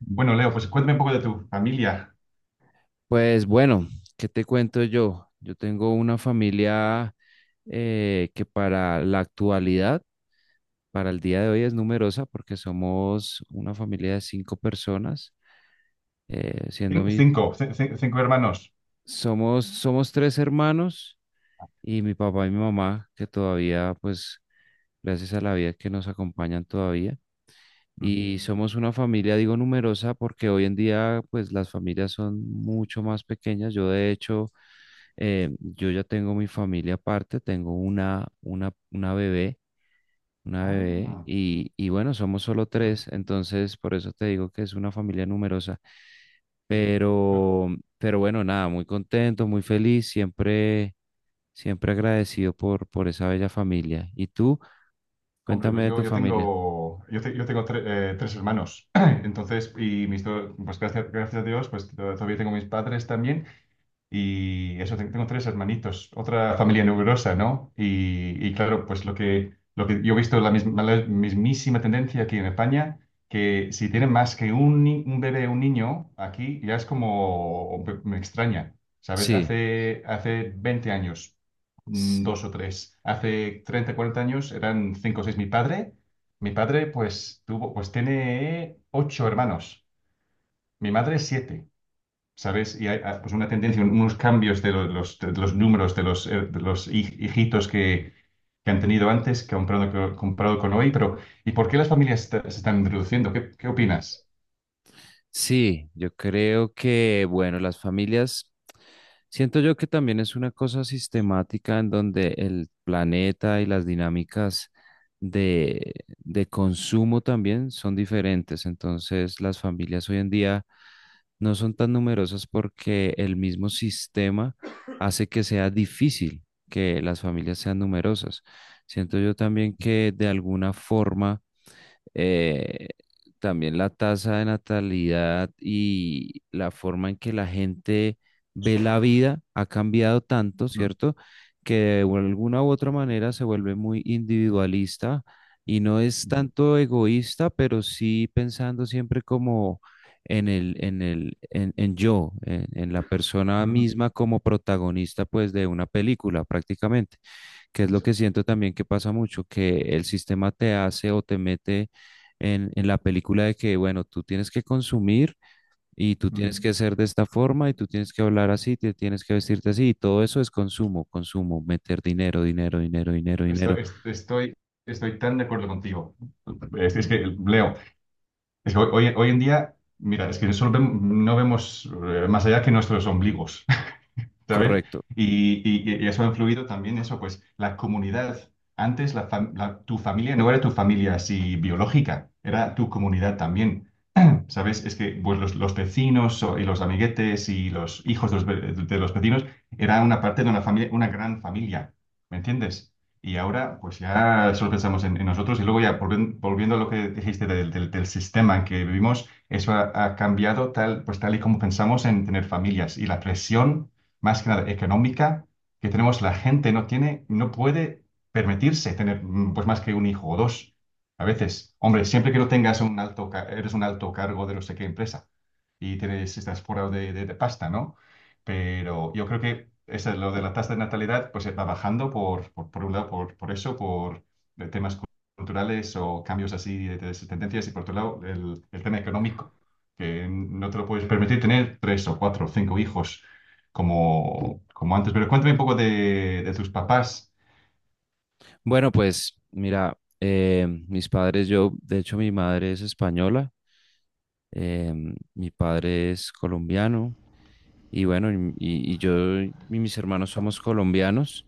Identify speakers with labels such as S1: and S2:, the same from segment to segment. S1: Bueno, Leo, pues cuéntame un poco de tu familia.
S2: Pues bueno, ¿qué te cuento yo? Yo tengo una familia que para la actualidad, para el día de hoy es numerosa porque somos una familia de cinco personas, eh, siendo mi,
S1: Cinco, cinco hermanos.
S2: somos tres hermanos y mi papá y mi mamá que todavía, pues gracias a la vida que nos acompañan todavía.
S1: Ujú.
S2: Y somos una familia, digo numerosa, porque hoy en día, pues las familias son mucho más pequeñas. Yo ya tengo mi familia aparte, tengo una bebé,
S1: Ah,
S2: y bueno, somos solo tres, entonces por eso te digo que es una familia numerosa.
S1: sí. Eh,
S2: Pero, pero bueno, nada, muy contento, muy feliz, siempre agradecido por esa bella familia. ¿Y tú?
S1: Hombre,
S2: Cuéntame
S1: pues
S2: de
S1: yo,
S2: tu
S1: yo
S2: familia.
S1: tengo, yo tengo tres hermanos. Entonces, y mis dos, pues gracias a Dios, pues todavía tengo mis padres también. Y eso, tengo tres hermanitos, otra familia numerosa, ¿no? Y claro, pues lo que yo he visto la mismísima tendencia aquí en España, que si tienen más que un, un bebé, un niño, aquí ya es como, me extraña, ¿sabes?
S2: Sí,
S1: Hace 20 años,
S2: s-
S1: dos o tres, hace 30 40 años eran cinco o seis. Mi padre pues tuvo, pues tiene 8 hermanos, mi madre siete. ¿Sabes? Y hay pues una tendencia, unos cambios de de los números, de los hijitos que han tenido antes, que han comprado con hoy, pero ¿y por qué las familias se están reduciendo? ¿Qué, qué opinas?
S2: sí, yo creo que, bueno, las familias. Siento yo que también es una cosa sistemática en donde el planeta y las dinámicas de, de consumo también son diferentes. Entonces, las familias hoy en día no son tan numerosas porque el mismo sistema hace que sea difícil que las familias sean numerosas. Siento yo también que de alguna forma eh, también la tasa de natalidad y la forma en que la gente ve la vida ha cambiado tanto,
S1: Ujú,
S2: ¿cierto? Que de alguna u otra manera se vuelve muy individualista y no es
S1: ujú,
S2: tanto egoísta, pero sí pensando siempre como en yo, en la persona
S1: ujú.
S2: misma como protagonista, pues, de una película prácticamente que es lo que siento también que pasa mucho, que el sistema te hace o te mete en la película de que, bueno, tú tienes que consumir y tú
S1: Ujú.
S2: tienes que ser de esta forma y tú tienes que hablar así, te tienes que vestirte así y todo eso es consumo, consumo, meter dinero, dinero, dinero, dinero, dinero.
S1: Estoy, estoy, tan de acuerdo contigo. Es que, Leo, es que hoy hoy en día, mira, es que solo no vemos más allá que nuestros ombligos. ¿Sabes?
S2: Correcto.
S1: Y, y eso ha influido también eso, pues la comunidad. Antes la tu familia no era tu familia así biológica, era tu comunidad también relación, ¿sabes? Es que pues, los vecinos y los amiguetes y los hijos de de los vecinos era una parte de una familia, una gran familia, ¿me entiendes? Y ahora pues ya solo pensamos en nosotros y luego ya volviendo a lo que dijiste del sistema en que vivimos, eso ha, ha cambiado tal, pues tal y como pensamos en tener familias y la presión, más que nada económica, que tenemos, la gente no tiene, no puede permitirse tener pues más que un hijo o dos. A veces, hombre, siempre que no tengas un alto, eres un alto cargo de no sé qué empresa y tienes, estás forrado de, de pasta, ¿no? Pero yo creo que eso, lo de la tasa de natalidad pues va bajando por un lado, por eso, por temas culturales o cambios así de esas tendencias y por otro lado el tema económico, que no te lo puedes permitir tener tres o cuatro o cinco hijos como, como antes. Pero cuéntame un poco de tus papás.
S2: Bueno, pues mira, mis padres, yo, de hecho mi madre es española, mi padre es colombiano. Y bueno, y yo y mis hermanos somos colombianos.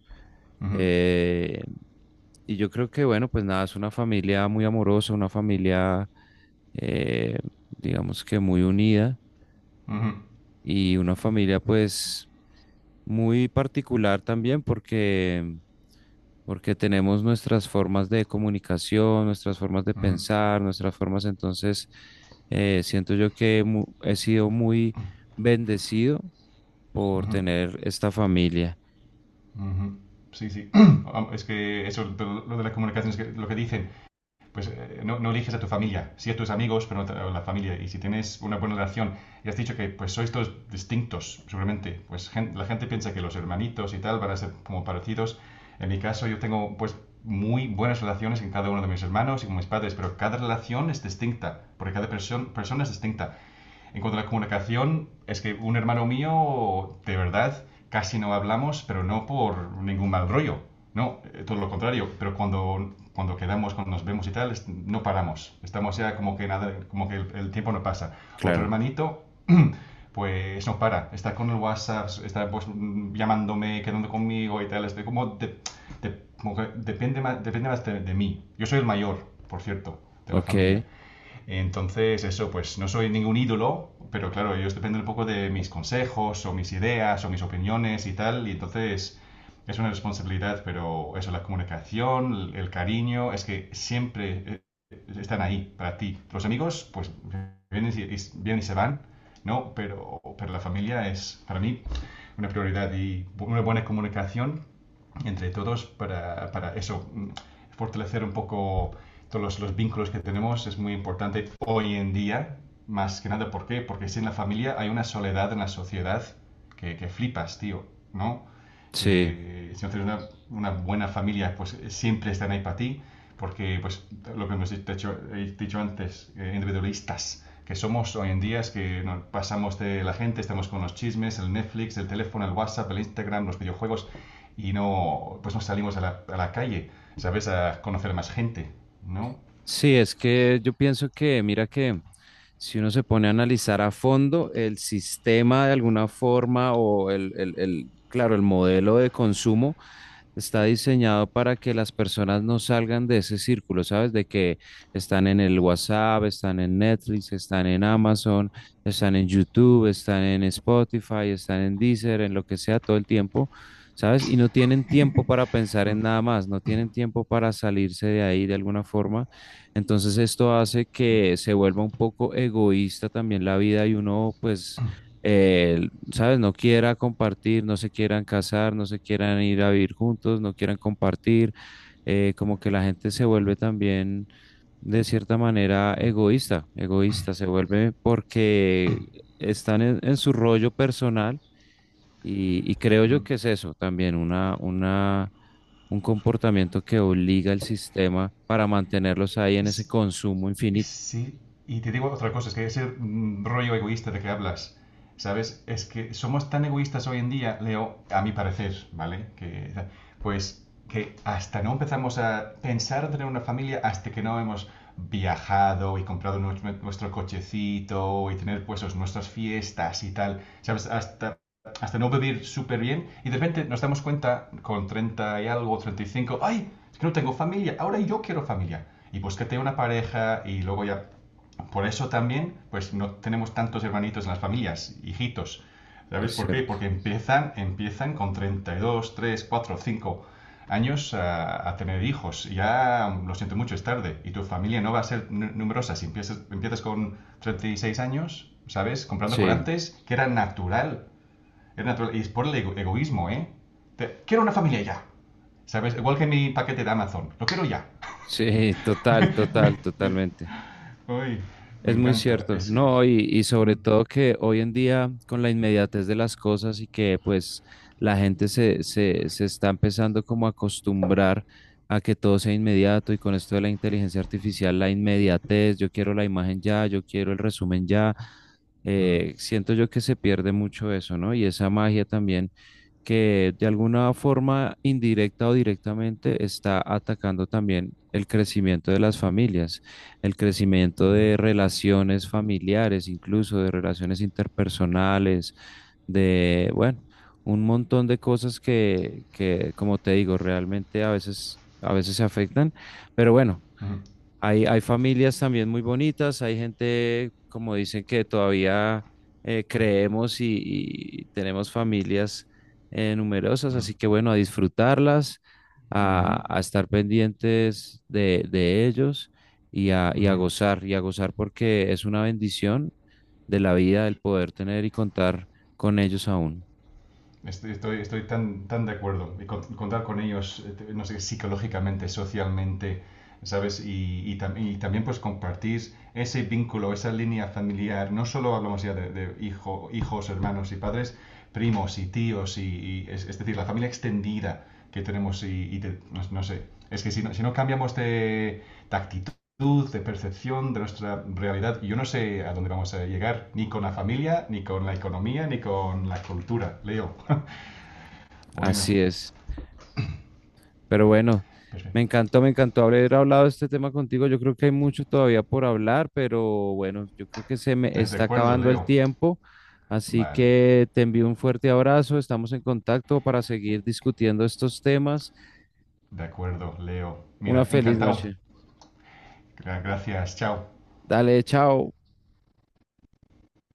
S1: Ujú,
S2: eh, y yo creo que, bueno, pues nada, es una familia muy amorosa, una familia, eh, digamos que muy unida
S1: ujú,
S2: y una familia pues muy particular también porque, porque tenemos nuestras formas de comunicación, nuestras formas de
S1: ujú,
S2: pensar, nuestras formas, entonces siento yo que he sido muy bendecido por
S1: ujú.
S2: tener esta familia.
S1: Ujú. Sí, sí. Es que eso, lo de las comunicaciones, que, lo que dicen, pues no, no eliges a tu familia, sí a tus amigos, pero no a la familia. Y si tienes una buena relación y has dicho que pues sois todos distintos, seguramente, pues la gente piensa que los hermanitos y tal van a ser como parecidos. En mi caso, yo tengo pues muy buenas relaciones con cada uno de mis hermanos y con mis padres, pero cada relación es distinta, porque cada persona es distinta. En cuanto a la comunicación, es que un hermano mío, de verdad, casi no hablamos, pero no por ningún mal rollo. No, todo lo contrario. Pero cuando quedamos, cuando nos vemos y tal, no paramos. Estamos ya como que nada, como que el tiempo no pasa. Otro
S2: Claro,
S1: hermanito, pues no para. Está con el WhatsApp, está pues llamándome, quedando conmigo y tal. Estoy como, como que depende más de mí. Yo soy el mayor, por cierto, de la familia.
S2: ok,
S1: Entonces, eso, pues no soy ningún ídolo, pero claro, ellos dependen un poco de mis consejos o mis ideas o mis opiniones y tal, y entonces es una responsabilidad, pero eso, la comunicación, el cariño, es que siempre están ahí para ti. Los amigos, pues vienen y, vienen y se van, ¿no? Pero la familia es para mí una prioridad y una buena comunicación entre todos para eso, fortalecer un poco todos los vínculos que tenemos es muy importante hoy en día, más que nada, ¿por qué? Porque si en la familia hay una soledad en la sociedad que flipas, tío, ¿no?
S2: sí,
S1: Que si no tienes una buena familia, pues siempre están ahí para ti, porque pues lo que hemos dicho, he dicho antes, individualistas que somos hoy en día es que nos pasamos de la gente, estamos con los chismes, el Netflix, el teléfono, el WhatsApp, el Instagram, los videojuegos, y no, pues no salimos a la calle, ¿sabes? A conocer más gente, ¿no?
S2: sí, es que yo pienso que, mira que si uno se pone a analizar a fondo el sistema de alguna forma o claro, el modelo de consumo, está diseñado para que las personas no salgan de ese círculo, ¿sabes? De que están en el WhatsApp, están en Netflix, están en Amazon, están en YouTube, están en Spotify, están en Deezer, en lo que sea todo el tiempo, ¿sabes? Y no tienen tiempo para pensar en nada más, no tienen tiempo para salirse de ahí de alguna forma. Entonces esto hace que se vuelva un poco egoísta también la vida y uno pues... eh, ¿sabes? No quiera compartir, no se quieran casar, no se quieran ir a vivir juntos, no quieran compartir, como que la gente se vuelve también de cierta manera egoísta, egoísta, se vuelve porque están en su rollo personal y creo yo
S1: Mm.
S2: que es eso también, un comportamiento que obliga al sistema para mantenerlos ahí en ese
S1: Es,
S2: consumo infinito,
S1: sí. Y te digo otra cosa, es que ese rollo egoísta de que hablas, ¿sabes? Es que somos tan egoístas hoy en día, Leo, a mi parecer, ¿vale? Que, pues que hasta no empezamos a pensar en tener una familia hasta que no hemos viajado y comprado nuestro cochecito y tener pues nuestras fiestas y tal, ¿sabes? Hasta no vivir súper bien y de repente nos damos cuenta con 30 y algo, 35 ay, es que no tengo familia, ahora yo quiero familia. Y búscate una pareja y luego ya... Por eso también, pues no tenemos tantos hermanitos en las familias, hijitos. ¿Sabes
S2: es
S1: por qué?
S2: cierto.
S1: Porque empiezan con 32, 3, 4, 5 años a tener hijos. Ya, lo siento mucho, es tarde. Y tu familia no va a ser numerosa. Si empiezas con 36 años, ¿sabes? Comprando con
S2: Sí,
S1: antes, que era natural es natural. Y es por el egoísmo, ¿eh? Quiero una familia ya. ¿Sabes? Igual que mi paquete de Amazon. Lo quiero ya.
S2: sí, total,
S1: me,
S2: total,
S1: me-
S2: totalmente.
S1: ay, me
S2: Es muy
S1: encanta.
S2: cierto,
S1: Es.
S2: no, y
S1: Mm,
S2: sobre todo que hoy en día con la inmediatez de las cosas y que pues la gente se está empezando como a acostumbrar a que todo sea inmediato y con esto de la inteligencia artificial, la inmediatez, yo quiero la imagen ya, yo quiero el resumen ya,
S1: mm,
S2: siento yo que se pierde mucho eso, ¿no? Y esa magia también que de alguna forma indirecta o directamente está atacando también el crecimiento de las familias el crecimiento
S1: mm,
S2: de relaciones familiares, incluso de relaciones interpersonales, de, bueno, un montón de cosas que, como te digo, realmente a veces se afectan, pero bueno.
S1: mm,
S2: Hay familias también muy bonitas, hay gente, como dicen, que todavía creemos y tenemos familias numerosas,
S1: mm,
S2: así que bueno, a disfrutarlas,
S1: mm,
S2: a estar pendientes de ellos
S1: mm.
S2: y a gozar porque es una bendición de la vida el poder tener y contar con ellos aún.
S1: Estoy, estoy, estoy tan, tan de acuerdo. Y contar con ellos, no sé, psicológicamente, socialmente, ¿sabes? Y y también pues compartir ese vínculo, esa línea familiar. No solo hablamos ya de hijo, hijos, hermanos y padres, primos y tíos, y es decir, la familia extendida que tenemos y, no, no sé. Es que si no, si no cambiamos de actitud, de percepción de nuestra realidad. Y yo no sé a dónde vamos a llegar, ni con la familia, ni con la economía, ni con la cultura, Leo. Bueno,
S2: Así es. Pero bueno,
S1: perfecto.
S2: me encantó haber hablado de este tema contigo. Yo creo que hay mucho todavía por hablar, pero bueno, yo creo que se me
S1: ¿Estás de
S2: está
S1: acuerdo,
S2: acabando el
S1: Leo?
S2: tiempo. Así
S1: Vale.
S2: que te envío un fuerte abrazo. Estamos en contacto para seguir discutiendo estos temas.
S1: De acuerdo, Leo.
S2: Una
S1: Mira,
S2: feliz
S1: encantado.
S2: noche.
S1: Gracias, chao.
S2: Dale, chao.